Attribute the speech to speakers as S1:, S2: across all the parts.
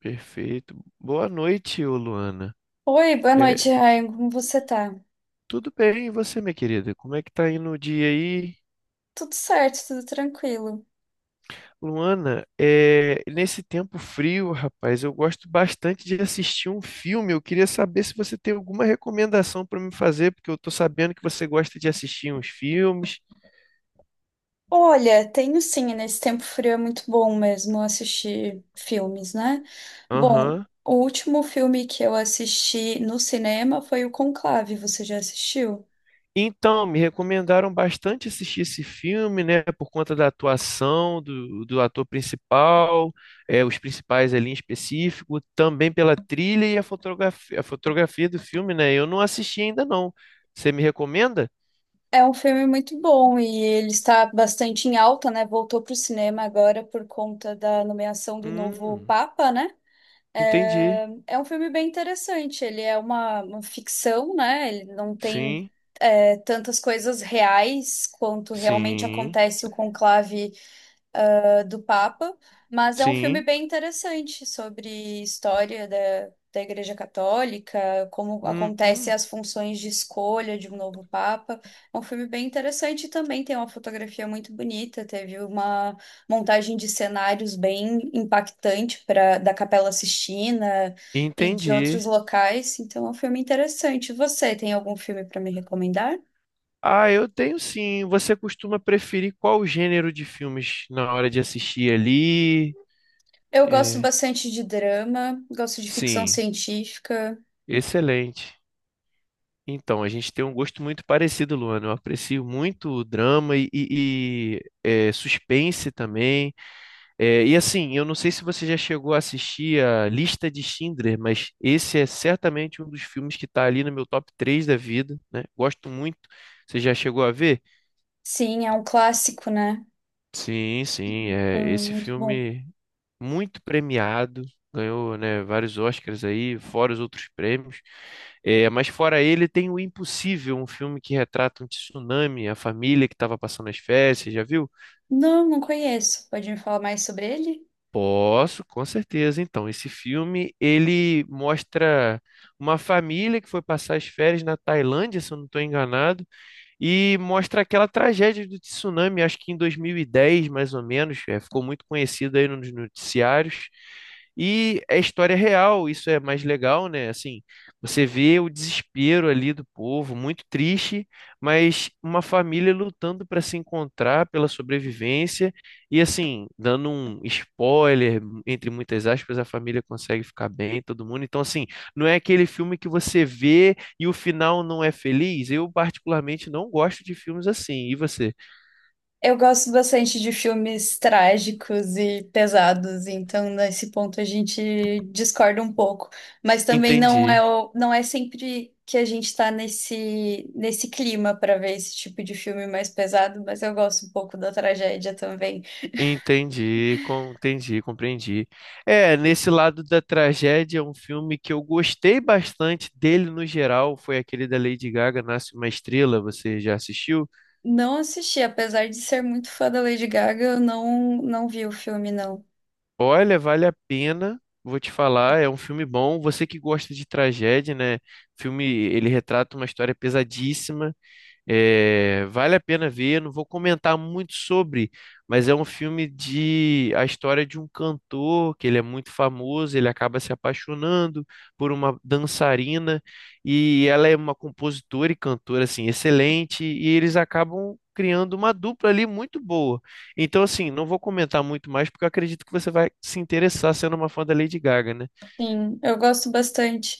S1: Perfeito. Boa noite, ô Luana.
S2: Oi, boa
S1: É,
S2: noite, Ryan. Como você tá?
S1: Tudo bem, e você, minha querida? Como é que tá indo o dia aí?
S2: Tudo certo, tudo tranquilo.
S1: Luana, nesse tempo frio, rapaz, eu gosto bastante de assistir um filme. Eu queria saber se você tem alguma recomendação para me fazer, porque eu tô sabendo que você gosta de assistir uns filmes.
S2: Olha, tenho sim, nesse tempo frio é muito bom mesmo assistir filmes, né? Bom,
S1: Aham.
S2: o último filme que eu assisti no cinema foi o Conclave, você já assistiu?
S1: Então, me recomendaram bastante assistir esse filme, né, por conta da atuação do ator principal, os principais ali em específico, também pela trilha e a fotografia do filme, né? Eu não assisti ainda não. Você me recomenda?
S2: É um filme muito bom e ele está bastante em alta, né? Voltou para o cinema agora por conta da nomeação do novo
S1: Hum,
S2: Papa, né?
S1: entendi.
S2: É um filme bem interessante. Ele é uma ficção, né? Ele não tem
S1: Sim,
S2: tantas coisas reais quanto realmente
S1: sim,
S2: acontece o conclave do Papa, mas é um filme
S1: sim.
S2: bem interessante sobre história da Igreja Católica, como
S1: Hum,
S2: acontece
S1: hum,
S2: as funções de escolha de um novo Papa. É um filme bem interessante e também tem uma fotografia muito bonita, teve uma montagem de cenários bem impactante para da Capela Sistina e de
S1: entendi.
S2: outros locais, então é um filme interessante. Você tem algum filme para me recomendar?
S1: Ah, eu tenho sim. Você costuma preferir qual gênero de filmes na hora de assistir ali?
S2: Eu gosto
S1: É,
S2: bastante de drama, gosto de ficção
S1: sim.
S2: científica.
S1: Excelente. Então, a gente tem um gosto muito parecido, Luana. Eu aprecio muito drama e suspense também. É, e assim, eu não sei se você já chegou a assistir a Lista de Schindler, mas esse é certamente um dos filmes que está ali no meu top 3 da vida, né? Gosto muito. Você já chegou a ver?
S2: Sim, é um clássico, né?
S1: Sim, sim. É, esse
S2: Muito bom.
S1: filme muito premiado, ganhou, né, vários Oscars aí, fora os outros prêmios. É, mas fora ele tem O Impossível, um filme que retrata um tsunami, a família que estava passando as férias, você já viu?
S2: Não, não conheço. Pode me falar mais sobre ele?
S1: Posso, com certeza. Então, esse filme, ele mostra uma família que foi passar as férias na Tailândia, se eu não estou enganado, e mostra aquela tragédia do tsunami, acho que em 2010, mais ou menos, é, ficou muito conhecido aí nos noticiários. E é história real, isso é mais legal, né? Assim, você vê o desespero ali do povo, muito triste, mas uma família lutando para se encontrar pela sobrevivência. E assim, dando um spoiler, entre muitas aspas, a família consegue ficar bem, todo mundo. Então, assim, não é aquele filme que você vê e o final não é feliz, eu particularmente não gosto de filmes assim. E você?
S2: Eu gosto bastante de filmes trágicos e pesados, então nesse ponto a gente discorda um pouco. Mas também não
S1: Entendi,
S2: é, não é sempre que a gente está nesse clima para ver esse tipo de filme mais pesado, mas eu gosto um pouco da tragédia também.
S1: entendi, entendi, compreendi. É, nesse lado da tragédia, um filme que eu gostei bastante dele no geral foi aquele da Lady Gaga, Nasce uma Estrela. Você já assistiu?
S2: Não assisti, apesar de ser muito fã da Lady Gaga, eu não vi o filme, não.
S1: Olha, vale a pena. Vou te falar, é um filme bom. Você que gosta de tragédia, né? O filme, ele retrata uma história pesadíssima. É, vale a pena ver, não vou comentar muito sobre, mas é um filme de a história de um cantor que ele é muito famoso, ele acaba se apaixonando por uma dançarina e ela é uma compositora e cantora assim excelente e eles acabam criando uma dupla ali muito boa. Então assim, não vou comentar muito mais porque eu acredito que você vai se interessar sendo uma fã da Lady Gaga, né?
S2: Sim, eu gosto bastante.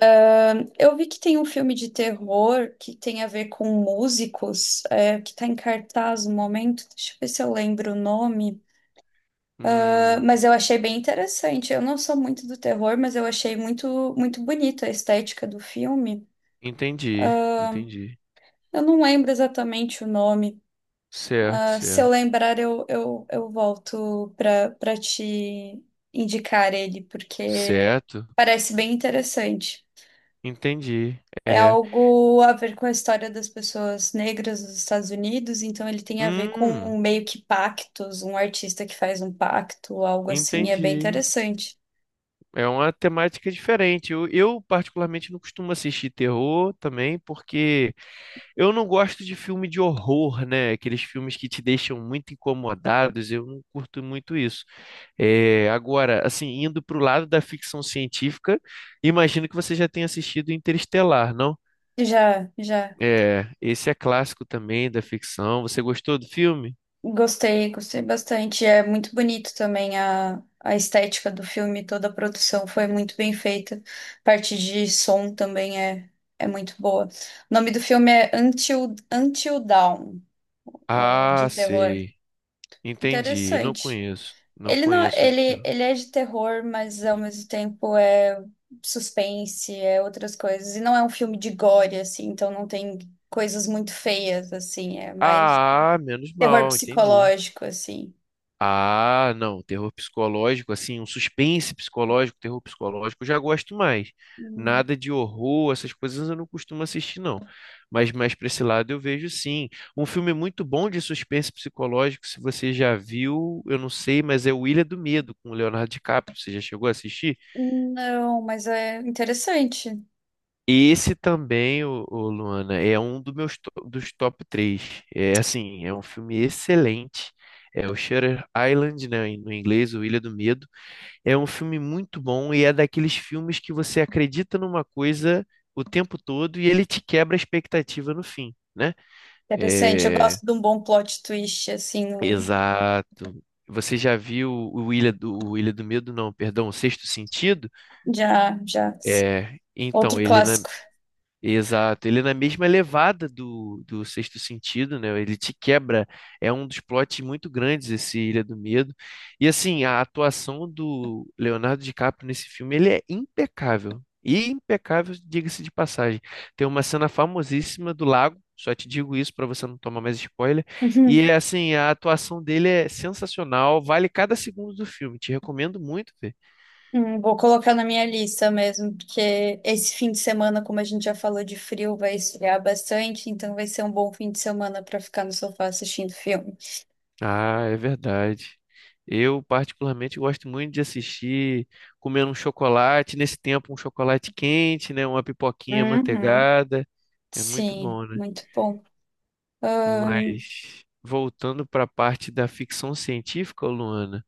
S2: Eu vi que tem um filme de terror que tem a ver com músicos, que está em cartaz no momento. Deixa eu ver se eu lembro o nome. Ah,
S1: Hum,
S2: mas eu achei bem interessante. Eu não sou muito do terror, mas eu achei muito bonita a estética do filme.
S1: entendi, entendi.
S2: Eu não lembro exatamente o nome.
S1: Certo,
S2: Ah, se eu
S1: certo.
S2: lembrar, eu volto para te indicar ele, porque
S1: Certo.
S2: parece bem interessante.
S1: Entendi.
S2: É
S1: É.
S2: algo a ver com a história das pessoas negras nos Estados Unidos, então ele tem a ver com
S1: Hum,
S2: meio que pactos, um artista que faz um pacto, algo assim, é bem
S1: entendi.
S2: interessante.
S1: É uma temática diferente. Particularmente, não costumo assistir terror também, porque eu não gosto de filme de horror, né? Aqueles filmes que te deixam muito incomodados. Eu não curto muito isso. É, agora, assim, indo para o lado da ficção científica, imagino que você já tenha assistido Interestelar, não?
S2: Já, já
S1: É, esse é clássico também da ficção. Você gostou do filme?
S2: gostei, gostei bastante. É muito bonito também a estética do filme, toda a produção foi muito bem feita. Parte de som também é muito boa. O nome do filme é Until Dawn, o
S1: Ah,
S2: de terror.
S1: sei. Entendi, não
S2: Interessante.
S1: conheço. Não
S2: Ele não,
S1: conheço de terror.
S2: ele é de terror, mas ao mesmo tempo é suspense, é outras coisas. E não é um filme de gore, assim, então não tem coisas muito feias, assim, é mais
S1: Ah, menos
S2: terror
S1: mal, entendi.
S2: psicológico, assim.
S1: Ah, não, terror psicológico, assim, um suspense psicológico, terror psicológico, eu já gosto mais.
S2: Hum.
S1: Nada de horror, essas coisas eu não costumo assistir, não. Mas mais para esse lado eu vejo sim. Um filme muito bom de suspense psicológico, se você já viu, eu não sei, mas é O Ilha do Medo, com o Leonardo DiCaprio. Você já chegou a assistir?
S2: Não, mas é interessante.
S1: Esse também, o, Luana, é um dos meus dos top três. É assim, é um filme excelente. É o Shutter Island, né, no inglês, o Ilha do Medo. É um filme muito bom e é daqueles filmes que você acredita numa coisa o tempo todo e ele te quebra a expectativa no fim, né?
S2: Interessante, eu
S1: É,
S2: gosto de um bom plot twist, assim, no-
S1: exato. Você já viu o Ilha o Ilha do Medo? Não, perdão, o Sexto Sentido?
S2: já, já, sim.
S1: É, então,
S2: Outro
S1: ele...
S2: clássico.
S1: Exato, ele é na mesma levada do Sexto Sentido, né? Ele te quebra, é um dos plots muito grandes esse Ilha do Medo. E assim, a atuação do Leonardo DiCaprio nesse filme, ele é impecável. E impecável, diga-se de passagem. Tem uma cena famosíssima do lago, só te digo isso para você não tomar mais spoiler. E é assim, a atuação dele é sensacional, vale cada segundo do filme. Te recomendo muito.
S2: Vou colocar na minha lista mesmo, porque esse fim de semana, como a gente já falou de frio, vai esfriar bastante, então vai ser um bom fim de semana para ficar no sofá assistindo filme.
S1: Ah, é verdade. Eu particularmente gosto muito de assistir comendo um chocolate, nesse tempo um chocolate quente, né, uma pipoquinha
S2: Uhum.
S1: manteigada, é muito
S2: Sim,
S1: bom, né?
S2: muito bom. Ahn,
S1: Mas voltando para a parte da ficção científica, Luana,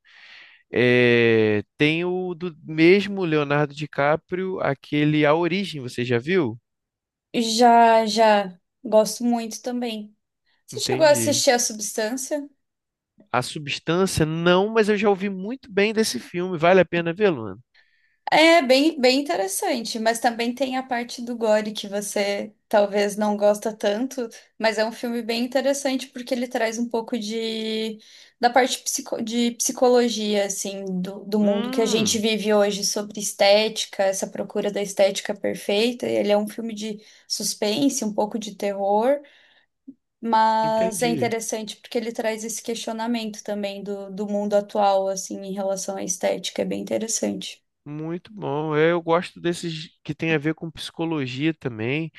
S1: tem o do mesmo Leonardo DiCaprio, aquele A Origem, você já viu?
S2: já, já gosto muito também. Você chegou a
S1: Entendi.
S2: assistir A Substância?
S1: A Substância, não, mas eu já ouvi muito bem desse filme. Vale a pena ver, Luana?
S2: É bem interessante, mas também tem a parte do gore que você talvez não gosta tanto, mas é um filme bem interessante porque ele traz um pouco de de psicologia assim do mundo que a gente
S1: Hum,
S2: vive hoje sobre estética, essa procura da estética perfeita. Ele é um filme de suspense, um pouco de terror, mas é
S1: entendi.
S2: interessante porque ele traz esse questionamento também do mundo atual assim em relação à estética, é bem interessante.
S1: Muito bom. É, eu gosto desses que tem a ver com psicologia também,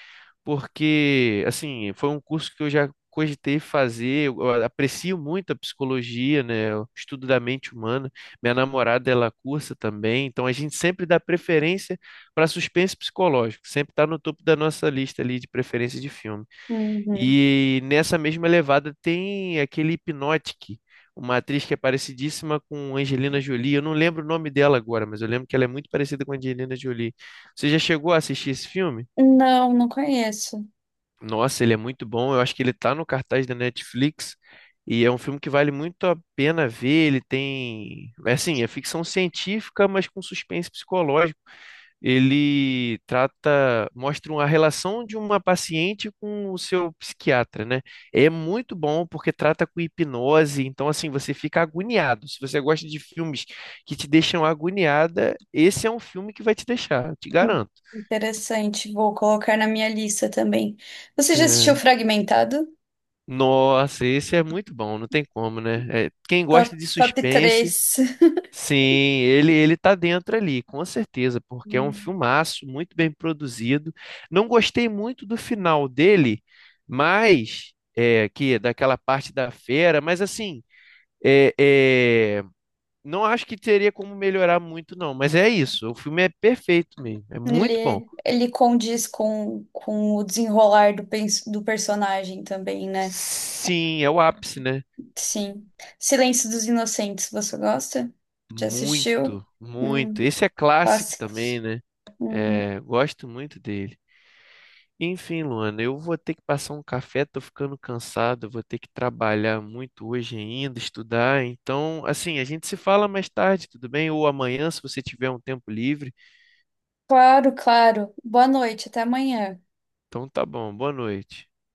S1: porque, assim, foi um curso que eu já cogitei fazer. Eu aprecio muito a psicologia, né? O estudo da mente humana. Minha namorada, ela cursa também, então a gente sempre dá preferência para suspense psicológico, sempre está no topo da nossa lista ali de preferência de filme.
S2: Uhum.
S1: E nessa mesma levada tem aquele Hypnotic, uma atriz que é parecidíssima com Angelina Jolie. Eu não lembro o nome dela agora, mas eu lembro que ela é muito parecida com Angelina Jolie. Você já chegou a assistir esse filme?
S2: Não, não conheço.
S1: Nossa, ele é muito bom. Eu acho que ele tá no cartaz da Netflix. E é um filme que vale muito a pena ver. Ele tem, é assim, é ficção científica, mas com suspense psicológico ele trata, mostra uma relação de uma paciente com o seu psiquiatra, né? É muito bom porque trata com hipnose, então assim, você fica agoniado. Se você gosta de filmes que te deixam agoniada, esse é um filme que vai te deixar, eu te
S2: Hum,
S1: garanto.
S2: Interessante, vou colocar na minha lista também. Você já
S1: É,
S2: assistiu Fragmentado?
S1: nossa, esse é muito bom, não tem como, né? É, quem gosta de
S2: Top
S1: suspense...
S2: 3.
S1: Sim, ele tá dentro ali, com certeza, porque é um
S2: Hum.
S1: filmaço muito bem produzido. Não gostei muito do final dele, mas é que daquela parte da fera, mas assim, é, é, não acho que teria como melhorar muito não, mas é isso, o filme é perfeito mesmo, é muito bom.
S2: Ele condiz com o desenrolar do, do personagem também, né?
S1: Sim, é o ápice, né?
S2: Sim. Silêncio dos Inocentes, você gosta? Já assistiu?
S1: Muito, muito.
S2: Hum,
S1: Esse é clássico também,
S2: clássicos.
S1: né?
S2: Hum,
S1: É, gosto muito dele. Enfim, Luana, eu vou ter que passar um café, tô ficando cansado, vou ter que trabalhar muito hoje ainda, estudar. Então, assim, a gente se fala mais tarde, tudo bem? Ou amanhã, se você tiver um tempo livre.
S2: claro, claro. Boa noite, até amanhã.
S1: Então tá bom, boa noite.